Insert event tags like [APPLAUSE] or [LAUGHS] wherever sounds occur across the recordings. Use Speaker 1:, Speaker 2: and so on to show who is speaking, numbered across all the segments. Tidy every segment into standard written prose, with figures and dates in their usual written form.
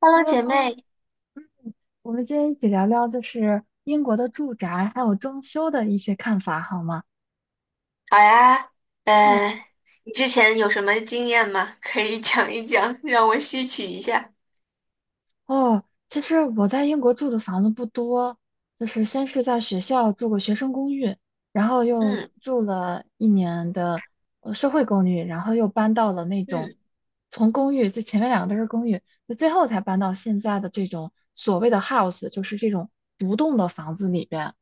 Speaker 1: Hello,姐
Speaker 2: Hello，
Speaker 1: 妹，
Speaker 2: 我们今天一起聊聊就是英国的住宅还有装修的一些看法，好吗？
Speaker 1: 好呀。
Speaker 2: 嗯，
Speaker 1: 呃，你之前有什么经验吗？可以讲一讲，让我吸取一下。
Speaker 2: 哦，其实我在英国住的房子不多，就是先是在学校住过学生公寓，然后又
Speaker 1: 嗯
Speaker 2: 住了一年的社会公寓，然后又搬到了那种
Speaker 1: 嗯
Speaker 2: 从公寓，就前面两个都是公寓，就最后才搬到现在的这种所谓的 house，就是这种独栋的房子里边。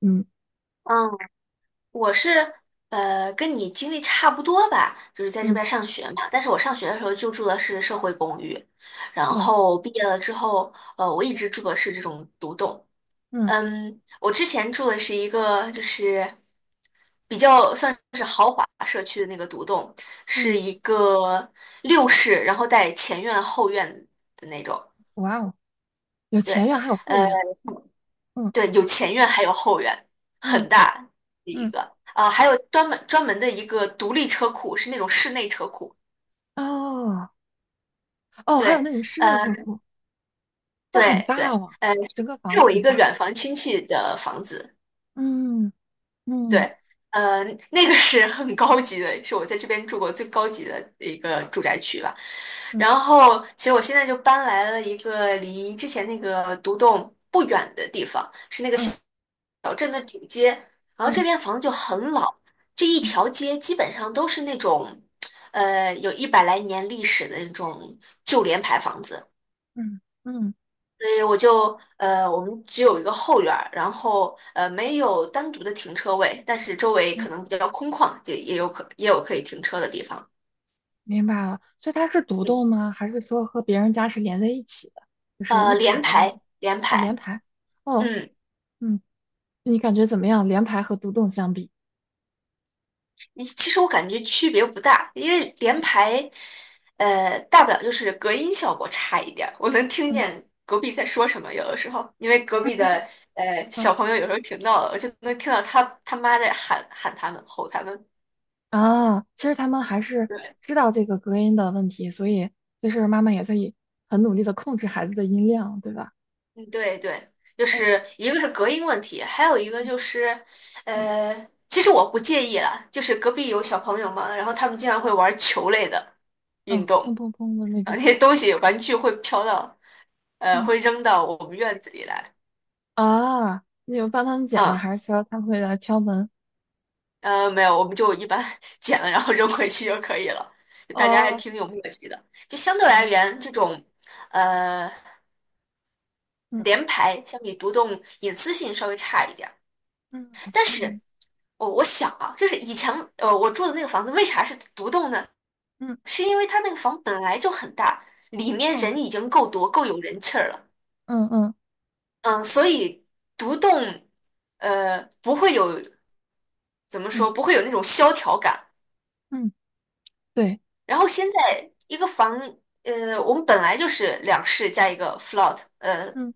Speaker 2: 嗯
Speaker 1: 嗯，我是跟你经历差不多吧，就是在这
Speaker 2: 嗯，
Speaker 1: 边上学嘛。但是我上学的时候就住的是社会公寓，然
Speaker 2: 有
Speaker 1: 后毕业了之后，我一直住的是这种独栋。
Speaker 2: 嗯
Speaker 1: 嗯，我之前住的是一个就是比较算是豪华社区的那个独栋，
Speaker 2: 嗯，
Speaker 1: 是一个六室，然后带前院后院的那种。
Speaker 2: 哇哦。有前
Speaker 1: 对，
Speaker 2: 院还有后
Speaker 1: 呃，
Speaker 2: 院，嗯
Speaker 1: 对，有前院还有后院，很
Speaker 2: 嗯
Speaker 1: 大的一
Speaker 2: 嗯，
Speaker 1: 个。还有专门的一个独立车库，是那种室内车库。
Speaker 2: 哦哦，还有
Speaker 1: 对，
Speaker 2: 那种室内
Speaker 1: 呃，
Speaker 2: 车库，那很
Speaker 1: 对对，
Speaker 2: 大哦，
Speaker 1: 呃，
Speaker 2: 整个房
Speaker 1: 是
Speaker 2: 子
Speaker 1: 我一
Speaker 2: 很
Speaker 1: 个
Speaker 2: 大，
Speaker 1: 远房亲戚的房子。
Speaker 2: 嗯
Speaker 1: 对，
Speaker 2: 嗯
Speaker 1: 呃，那个是很高级的，是我在这边住过最高级的一个住宅区吧。
Speaker 2: 嗯
Speaker 1: 然后，其实我现在就搬来了一个离之前那个独栋不远的地方，是那个小。
Speaker 2: 嗯
Speaker 1: 然后这
Speaker 2: 嗯
Speaker 1: 边房子就很老，这一
Speaker 2: 嗯
Speaker 1: 条街基本上都是那种，有一百来年历史的那种旧联排房子。
Speaker 2: 嗯嗯
Speaker 1: 所以我就我们只有一个后院儿，然后没有单独的停车位，但是周围
Speaker 2: 嗯，
Speaker 1: 可能比较空旷，也有也有可以停车的地方。
Speaker 2: 明白了。所以它是独
Speaker 1: 嗯，
Speaker 2: 栋吗？还是说和别人家是连在一起的，就是一
Speaker 1: 联
Speaker 2: 排的那
Speaker 1: 排
Speaker 2: 种
Speaker 1: 联
Speaker 2: 哦，连
Speaker 1: 排，
Speaker 2: 排，哦，
Speaker 1: 嗯，
Speaker 2: 嗯，你感觉怎么样？连排和独栋相比？
Speaker 1: 其实我感觉区别不大，因为联排大不了就是隔音效果差一点儿，我能听
Speaker 2: 嗯
Speaker 1: 见隔壁在说什么，有的时候因为隔壁的
Speaker 2: [LAUGHS]。
Speaker 1: 小朋友有时候挺闹的，我就能听到他妈在喊他们吼他们。
Speaker 2: 啊，其实他们还是
Speaker 1: 对。
Speaker 2: 知道这个隔音的问题，所以就是妈妈也在以很努力的控制孩子的音量，对吧？
Speaker 1: 嗯，对对，就
Speaker 2: 哦，
Speaker 1: 是一个是隔音问题，还有一个就是，
Speaker 2: 嗯
Speaker 1: 呃，其实我不介意啦，就是隔壁有小朋友嘛，然后他们经常会玩球类的运
Speaker 2: 嗯，砰
Speaker 1: 动，
Speaker 2: 砰砰的那
Speaker 1: 啊，那
Speaker 2: 种，
Speaker 1: 些东西玩具会飘到，
Speaker 2: 嗯
Speaker 1: 会扔到我们院子里来，
Speaker 2: 啊，你有帮他们剪吗？
Speaker 1: 嗯，
Speaker 2: 还是说他们会来敲门？
Speaker 1: 没有，我们就一般 [LAUGHS] 捡了然后扔回去就可以了，大家还
Speaker 2: 哦，
Speaker 1: 挺有默契的，就相对而
Speaker 2: 哦，
Speaker 1: 言，这种，呃，
Speaker 2: 嗯
Speaker 1: 联排相比独栋隐私性稍微差一点儿，
Speaker 2: 嗯
Speaker 1: 但是。
Speaker 2: 嗯
Speaker 1: 我我想啊，就是以前我住的那个房子为啥是独栋呢？
Speaker 2: 嗯，
Speaker 1: 是因为它那个房本来就很大，里面
Speaker 2: 哦，
Speaker 1: 人已经够多，够有人气儿了。
Speaker 2: 嗯嗯
Speaker 1: 嗯，所以独栋不会有怎么
Speaker 2: 嗯
Speaker 1: 说，不会有那种萧条感。
Speaker 2: 嗯，对，
Speaker 1: 然后现在一个房我们本来就是两室加一个 float,
Speaker 2: 嗯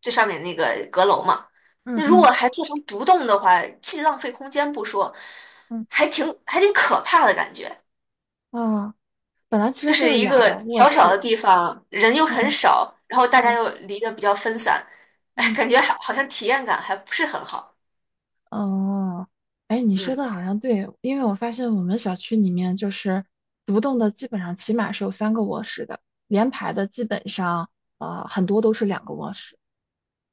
Speaker 1: 最上面那个阁楼嘛。
Speaker 2: 嗯
Speaker 1: 那如果
Speaker 2: 嗯
Speaker 1: 还做成独栋的话，既浪费空间不说，
Speaker 2: 嗯，
Speaker 1: 还挺可怕的感觉。
Speaker 2: 啊，本来其
Speaker 1: 就
Speaker 2: 实
Speaker 1: 是
Speaker 2: 就是
Speaker 1: 一
Speaker 2: 两个
Speaker 1: 个
Speaker 2: 卧
Speaker 1: 小小的
Speaker 2: 室，
Speaker 1: 地方，人又很
Speaker 2: 嗯
Speaker 1: 少，然后大家
Speaker 2: 对，
Speaker 1: 又离得比较分散，哎，
Speaker 2: 嗯。
Speaker 1: 感觉好好像体验感还不是很好。
Speaker 2: 哦，哎，你说
Speaker 1: 嗯，
Speaker 2: 的好像对，因为我发现我们小区里面就是独栋的，基本上起码是有三个卧室的，连排的基本上很多都是两个卧室。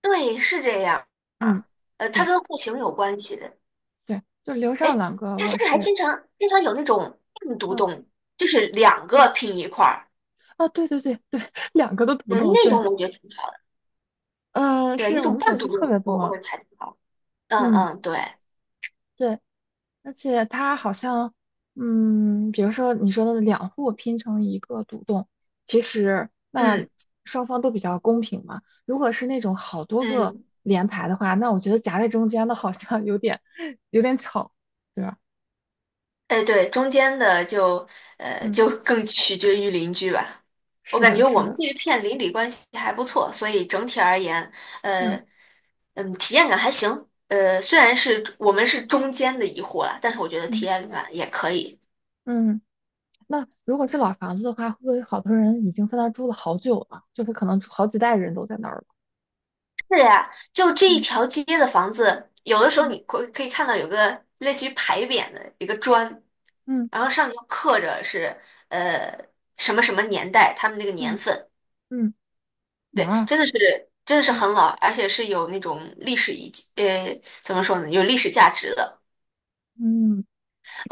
Speaker 1: 对，是这样
Speaker 2: 嗯，
Speaker 1: 啊。它
Speaker 2: 对
Speaker 1: 跟户型有关系的。
Speaker 2: 对，就留
Speaker 1: 哎，
Speaker 2: 上两个
Speaker 1: 它现
Speaker 2: 卧
Speaker 1: 在还
Speaker 2: 室。
Speaker 1: 经常有那种半独
Speaker 2: 嗯
Speaker 1: 栋，就是
Speaker 2: 嗯
Speaker 1: 两个
Speaker 2: 嗯，
Speaker 1: 拼一块儿，
Speaker 2: 哦，对对对对，[LAUGHS] 两个都独
Speaker 1: 对，
Speaker 2: 栋，
Speaker 1: 那
Speaker 2: 对，
Speaker 1: 种我觉得挺好的。对，
Speaker 2: 是
Speaker 1: 那
Speaker 2: 我
Speaker 1: 种
Speaker 2: 们小
Speaker 1: 半独
Speaker 2: 区
Speaker 1: 栋，
Speaker 2: 特别
Speaker 1: 我我
Speaker 2: 多。
Speaker 1: 感觉还挺好。嗯
Speaker 2: 嗯，
Speaker 1: 嗯，对，
Speaker 2: 对，而且它好像，嗯，比如说你说的两户拼成一个独栋，其实那
Speaker 1: 嗯
Speaker 2: 双方都比较公平嘛。如果是那种好多个
Speaker 1: 嗯，
Speaker 2: 连排的话，那我觉得夹在中间的好像有点 [LAUGHS] 有点吵，对吧？
Speaker 1: 哎，对，中间的就
Speaker 2: 嗯，
Speaker 1: 就更取决于邻居吧。我
Speaker 2: 是
Speaker 1: 感
Speaker 2: 的，
Speaker 1: 觉
Speaker 2: 是
Speaker 1: 我们
Speaker 2: 的，
Speaker 1: 这一片邻里关系还不错，所以整体而言，呃，
Speaker 2: 嗯
Speaker 1: 嗯，体验感还行。虽然是我们是中间的一户了，但是我觉得体
Speaker 2: 嗯
Speaker 1: 验感也可以。
Speaker 2: 嗯。那如果是老房子的话，会不会好多人已经在那儿住了好久了？就是可能好几代人都在那儿了。
Speaker 1: 是呀，就这一
Speaker 2: 嗯
Speaker 1: 条街的房子，有的时候
Speaker 2: 嗯
Speaker 1: 你可以看到有个类似于牌匾的一个砖，
Speaker 2: 嗯
Speaker 1: 然后上面就刻着是呃什么什么年代，他们那个年
Speaker 2: 嗯
Speaker 1: 份。
Speaker 2: 嗯，
Speaker 1: 对，
Speaker 2: 哇，
Speaker 1: 真的是
Speaker 2: 嗯
Speaker 1: 很老，而且是有那种历史遗迹，怎么说呢，有历史价值的。
Speaker 2: 嗯，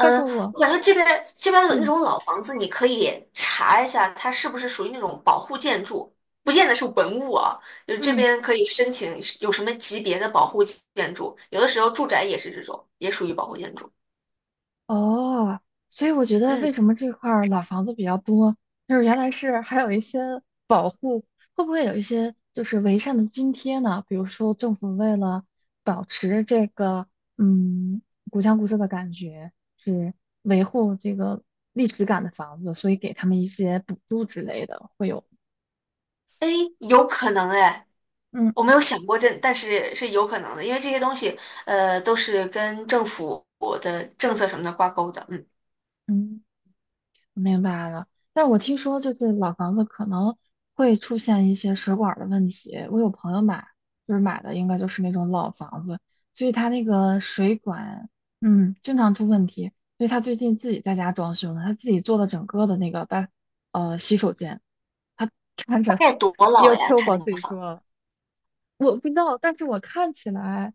Speaker 2: 但是我。
Speaker 1: 我感觉这边的那
Speaker 2: 嗯。
Speaker 1: 种老房子，你可以查一下，它是不是属于那种保护建筑，不见得是文物啊。就是这
Speaker 2: 嗯，
Speaker 1: 边可以申请有什么级别的保护建筑，有的时候住宅也是这种，也属于保护建筑。
Speaker 2: 哦，所以我觉得为
Speaker 1: 嗯，
Speaker 2: 什么这块儿老房子比较多，就是原来是还有一些保护，会不会有一些就是完善的津贴呢？比如说政府为了保持这个嗯古香古色的感觉，是维护这个历史感的房子，所以给他们一些补助之类的，会有
Speaker 1: 哎，有可能哎，
Speaker 2: 嗯
Speaker 1: 我没有想过这，但是是有可能的，因为这些东西都是跟政府的政策什么的挂钩的。嗯，
Speaker 2: 嗯。明白了，但我听说就是老房子可能会出现一些水管儿的问题。我有朋友买，就是买的应该就是那种老房子，所以他那个水管，经常出问题。所以他最近自己在家装修呢，他自己做了整个的那个把洗手间，他看
Speaker 1: 大
Speaker 2: 着
Speaker 1: 概多
Speaker 2: [LAUGHS] 要
Speaker 1: 老
Speaker 2: o
Speaker 1: 呀？他那
Speaker 2: 自
Speaker 1: 个
Speaker 2: 己
Speaker 1: 房，
Speaker 2: 做了，我不知道，但是我看起来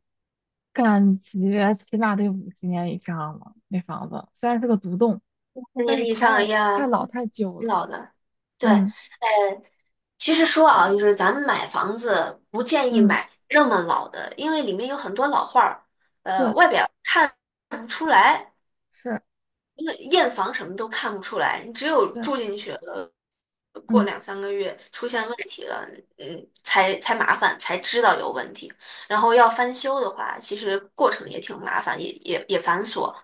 Speaker 2: 感觉起码得50年以上了，那房子虽然是个独栋，
Speaker 1: 十
Speaker 2: 但
Speaker 1: 年
Speaker 2: 是
Speaker 1: 以上
Speaker 2: 太
Speaker 1: 呀，
Speaker 2: 太老
Speaker 1: 嗯
Speaker 2: 太旧
Speaker 1: 挺
Speaker 2: 了。
Speaker 1: 老的。对，
Speaker 2: 嗯
Speaker 1: 其实说啊，就是咱们买房子不建议
Speaker 2: 嗯，
Speaker 1: 买那么老的，因为里面有很多老话儿，
Speaker 2: 对，
Speaker 1: 外表看不出来，
Speaker 2: 是，
Speaker 1: 因为验房什么都看不出来，你只有
Speaker 2: 对，
Speaker 1: 住进去了，过
Speaker 2: 嗯，
Speaker 1: 两三个月出现问题了，嗯，才麻烦，才知道有问题。然后要翻修的话，其实过程也挺麻烦，也繁琐。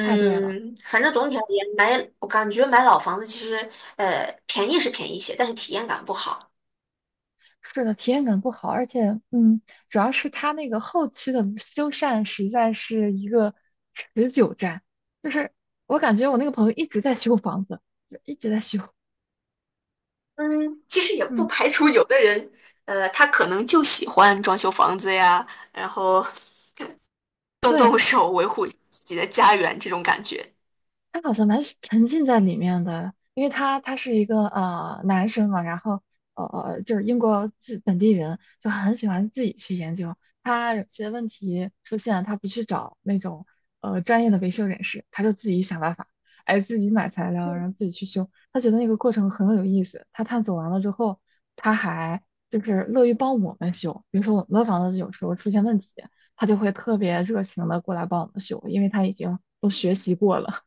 Speaker 2: 太对了，
Speaker 1: 反正总体而言，我感觉买老房子其实，便宜是便宜些，但是体验感不好。
Speaker 2: 是的，体验感不好，而且，嗯，主要是它那个后期的修缮实在是一个持久战，就是我感觉我那个朋友一直在修房子，就一直在修，
Speaker 1: 嗯，其实也不
Speaker 2: 嗯，
Speaker 1: 排除有的人，他可能就喜欢装修房子呀，然后 [LAUGHS]
Speaker 2: 对，
Speaker 1: 动手维护自己的家园这种感觉。
Speaker 2: 他好像蛮沉浸在里面的，因为他是一个男生嘛，然后就是英国自本地人，就很喜欢自己去研究。他有些问题出现，他不去找那种专业的维修人士，他就自己想办法，哎，自己买材料，然后自己去修。他觉得那个过程很有意思。他探索完了之后，他还就是乐于帮我们修，比如说我们的房子有时候出现问题，他就会特别热情的过来帮我们修，因为他已经都学习过了。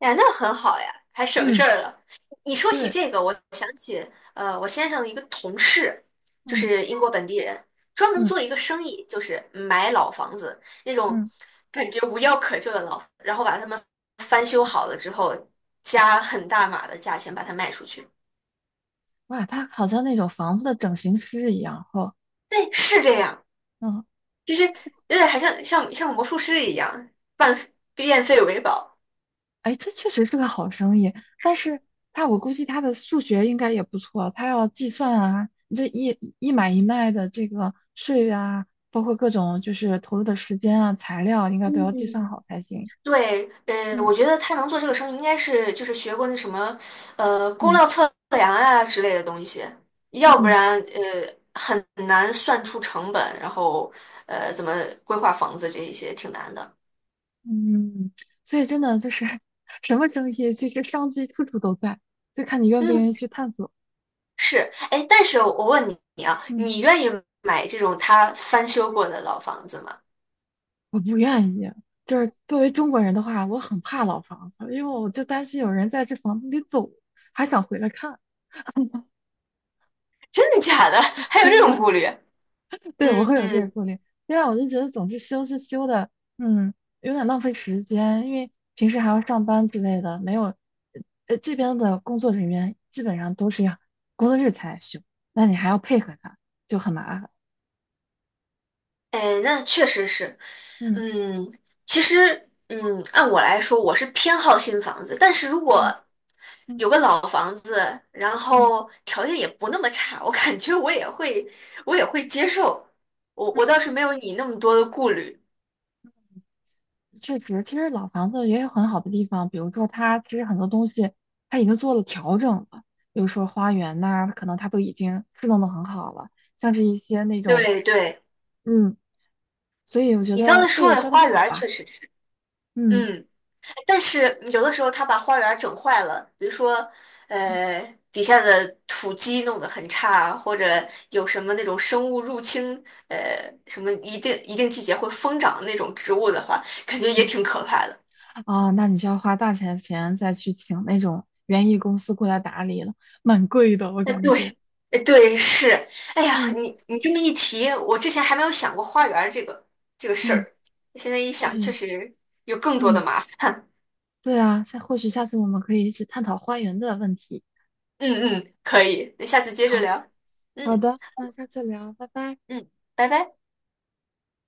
Speaker 1: 呀，那很好呀，还省事
Speaker 2: 嗯，
Speaker 1: 儿了。你说起
Speaker 2: 对，
Speaker 1: 这个，我我先生的一个同事就
Speaker 2: 嗯
Speaker 1: 是英国本地人，专门
Speaker 2: 嗯
Speaker 1: 做一个生意，就是买老房子那种
Speaker 2: 嗯，
Speaker 1: 感觉无药可救的老，然后把他们翻修
Speaker 2: 嗯
Speaker 1: 好了之后，加很大码的价钱把它卖出去。
Speaker 2: 哇，他好像那种房子的整形师一样，哦，
Speaker 1: 对，是这样。
Speaker 2: 嗯，
Speaker 1: 就是有点还像像魔术师一样，半变废为宝。
Speaker 2: 哎，这确实是个好生意，但是我估计他的数学应该也不错，他要计算啊，你这一买一卖的这个税啊，包括各种就是投入的时间啊、材料，应该都要计算
Speaker 1: 嗯，
Speaker 2: 好才行。
Speaker 1: 对，我
Speaker 2: 嗯
Speaker 1: 觉得他能做这个生意，应该是就是学过那什么，工
Speaker 2: 嗯
Speaker 1: 料测量啊之类的东西，要不
Speaker 2: 嗯
Speaker 1: 然很难算出成本，然后怎么规划房子这一些挺难的。
Speaker 2: 嗯，所以真的就是 [LAUGHS] 什么生意，其实商机处处都在，就看你愿不
Speaker 1: 嗯，
Speaker 2: 愿意去探索。
Speaker 1: 是，哎，但是我问你啊，
Speaker 2: 嗯。
Speaker 1: 你愿意买这种他翻修过的老房子吗？
Speaker 2: 我不愿意。就是作为中国人的话，我很怕老房子，因为我就担心有人在这房子里走，还想回来看。
Speaker 1: 真的假的？[LAUGHS] 还有这
Speaker 2: 真
Speaker 1: 种
Speaker 2: 的，
Speaker 1: 顾虑？
Speaker 2: [LAUGHS] 对，我
Speaker 1: 嗯
Speaker 2: 会有这个
Speaker 1: 嗯。
Speaker 2: 顾虑。另外，我就觉得总是修是修的，嗯，有点浪费时间，因为平时还要上班之类的，没有，这边的工作人员基本上都是要工作日才来修，那你还要配合他，就很麻烦。
Speaker 1: 哎，那确实是，
Speaker 2: 嗯
Speaker 1: 嗯，其实，嗯，按我来说，我是偏好新房子，但是如果
Speaker 2: 嗯嗯
Speaker 1: 有个老房子，然
Speaker 2: 嗯嗯。
Speaker 1: 后条件也不那么差，我感觉我也会，我也会接受。我我倒是没有你那么多的顾虑。
Speaker 2: 确实，其实老房子也有很好的地方，比如说它其实很多东西它已经做了调整了，比如说花园呐、可能它都已经施弄得很好了，像是一些那种，
Speaker 1: 对对，
Speaker 2: 嗯，所以我觉
Speaker 1: 你刚
Speaker 2: 得
Speaker 1: 才
Speaker 2: 各
Speaker 1: 说
Speaker 2: 有
Speaker 1: 的
Speaker 2: 各的
Speaker 1: 花园
Speaker 2: 好
Speaker 1: 儿
Speaker 2: 吧，
Speaker 1: 确实是，
Speaker 2: 嗯
Speaker 1: 嗯。但是有的时候他把花园整坏了，比如说，
Speaker 2: 嗯
Speaker 1: 呃，底下的土基弄得很差，或者有什么那种生物入侵，呃，什么一定季节会疯长的那种植物的话，感觉也
Speaker 2: 嗯，
Speaker 1: 挺可怕的。
Speaker 2: 嗯啊，那你就要花大钱再去请那种园艺公司过来打理了，蛮贵的，我
Speaker 1: 哎，
Speaker 2: 感觉，
Speaker 1: 对，哎，对，是，哎呀，
Speaker 2: 嗯
Speaker 1: 你这么一提，我之前还没有想过花园儿这个事
Speaker 2: 嗯，
Speaker 1: 儿，现在一
Speaker 2: 或
Speaker 1: 想，确
Speaker 2: 许，
Speaker 1: 实有更多的
Speaker 2: 嗯，
Speaker 1: 麻烦。
Speaker 2: 对啊，或许下次我们可以一起探讨花园的问题，
Speaker 1: 嗯嗯，可以，那下次接着
Speaker 2: 好
Speaker 1: 聊。
Speaker 2: 好
Speaker 1: 嗯
Speaker 2: 的，那下次聊，拜拜。
Speaker 1: 嗯，拜拜。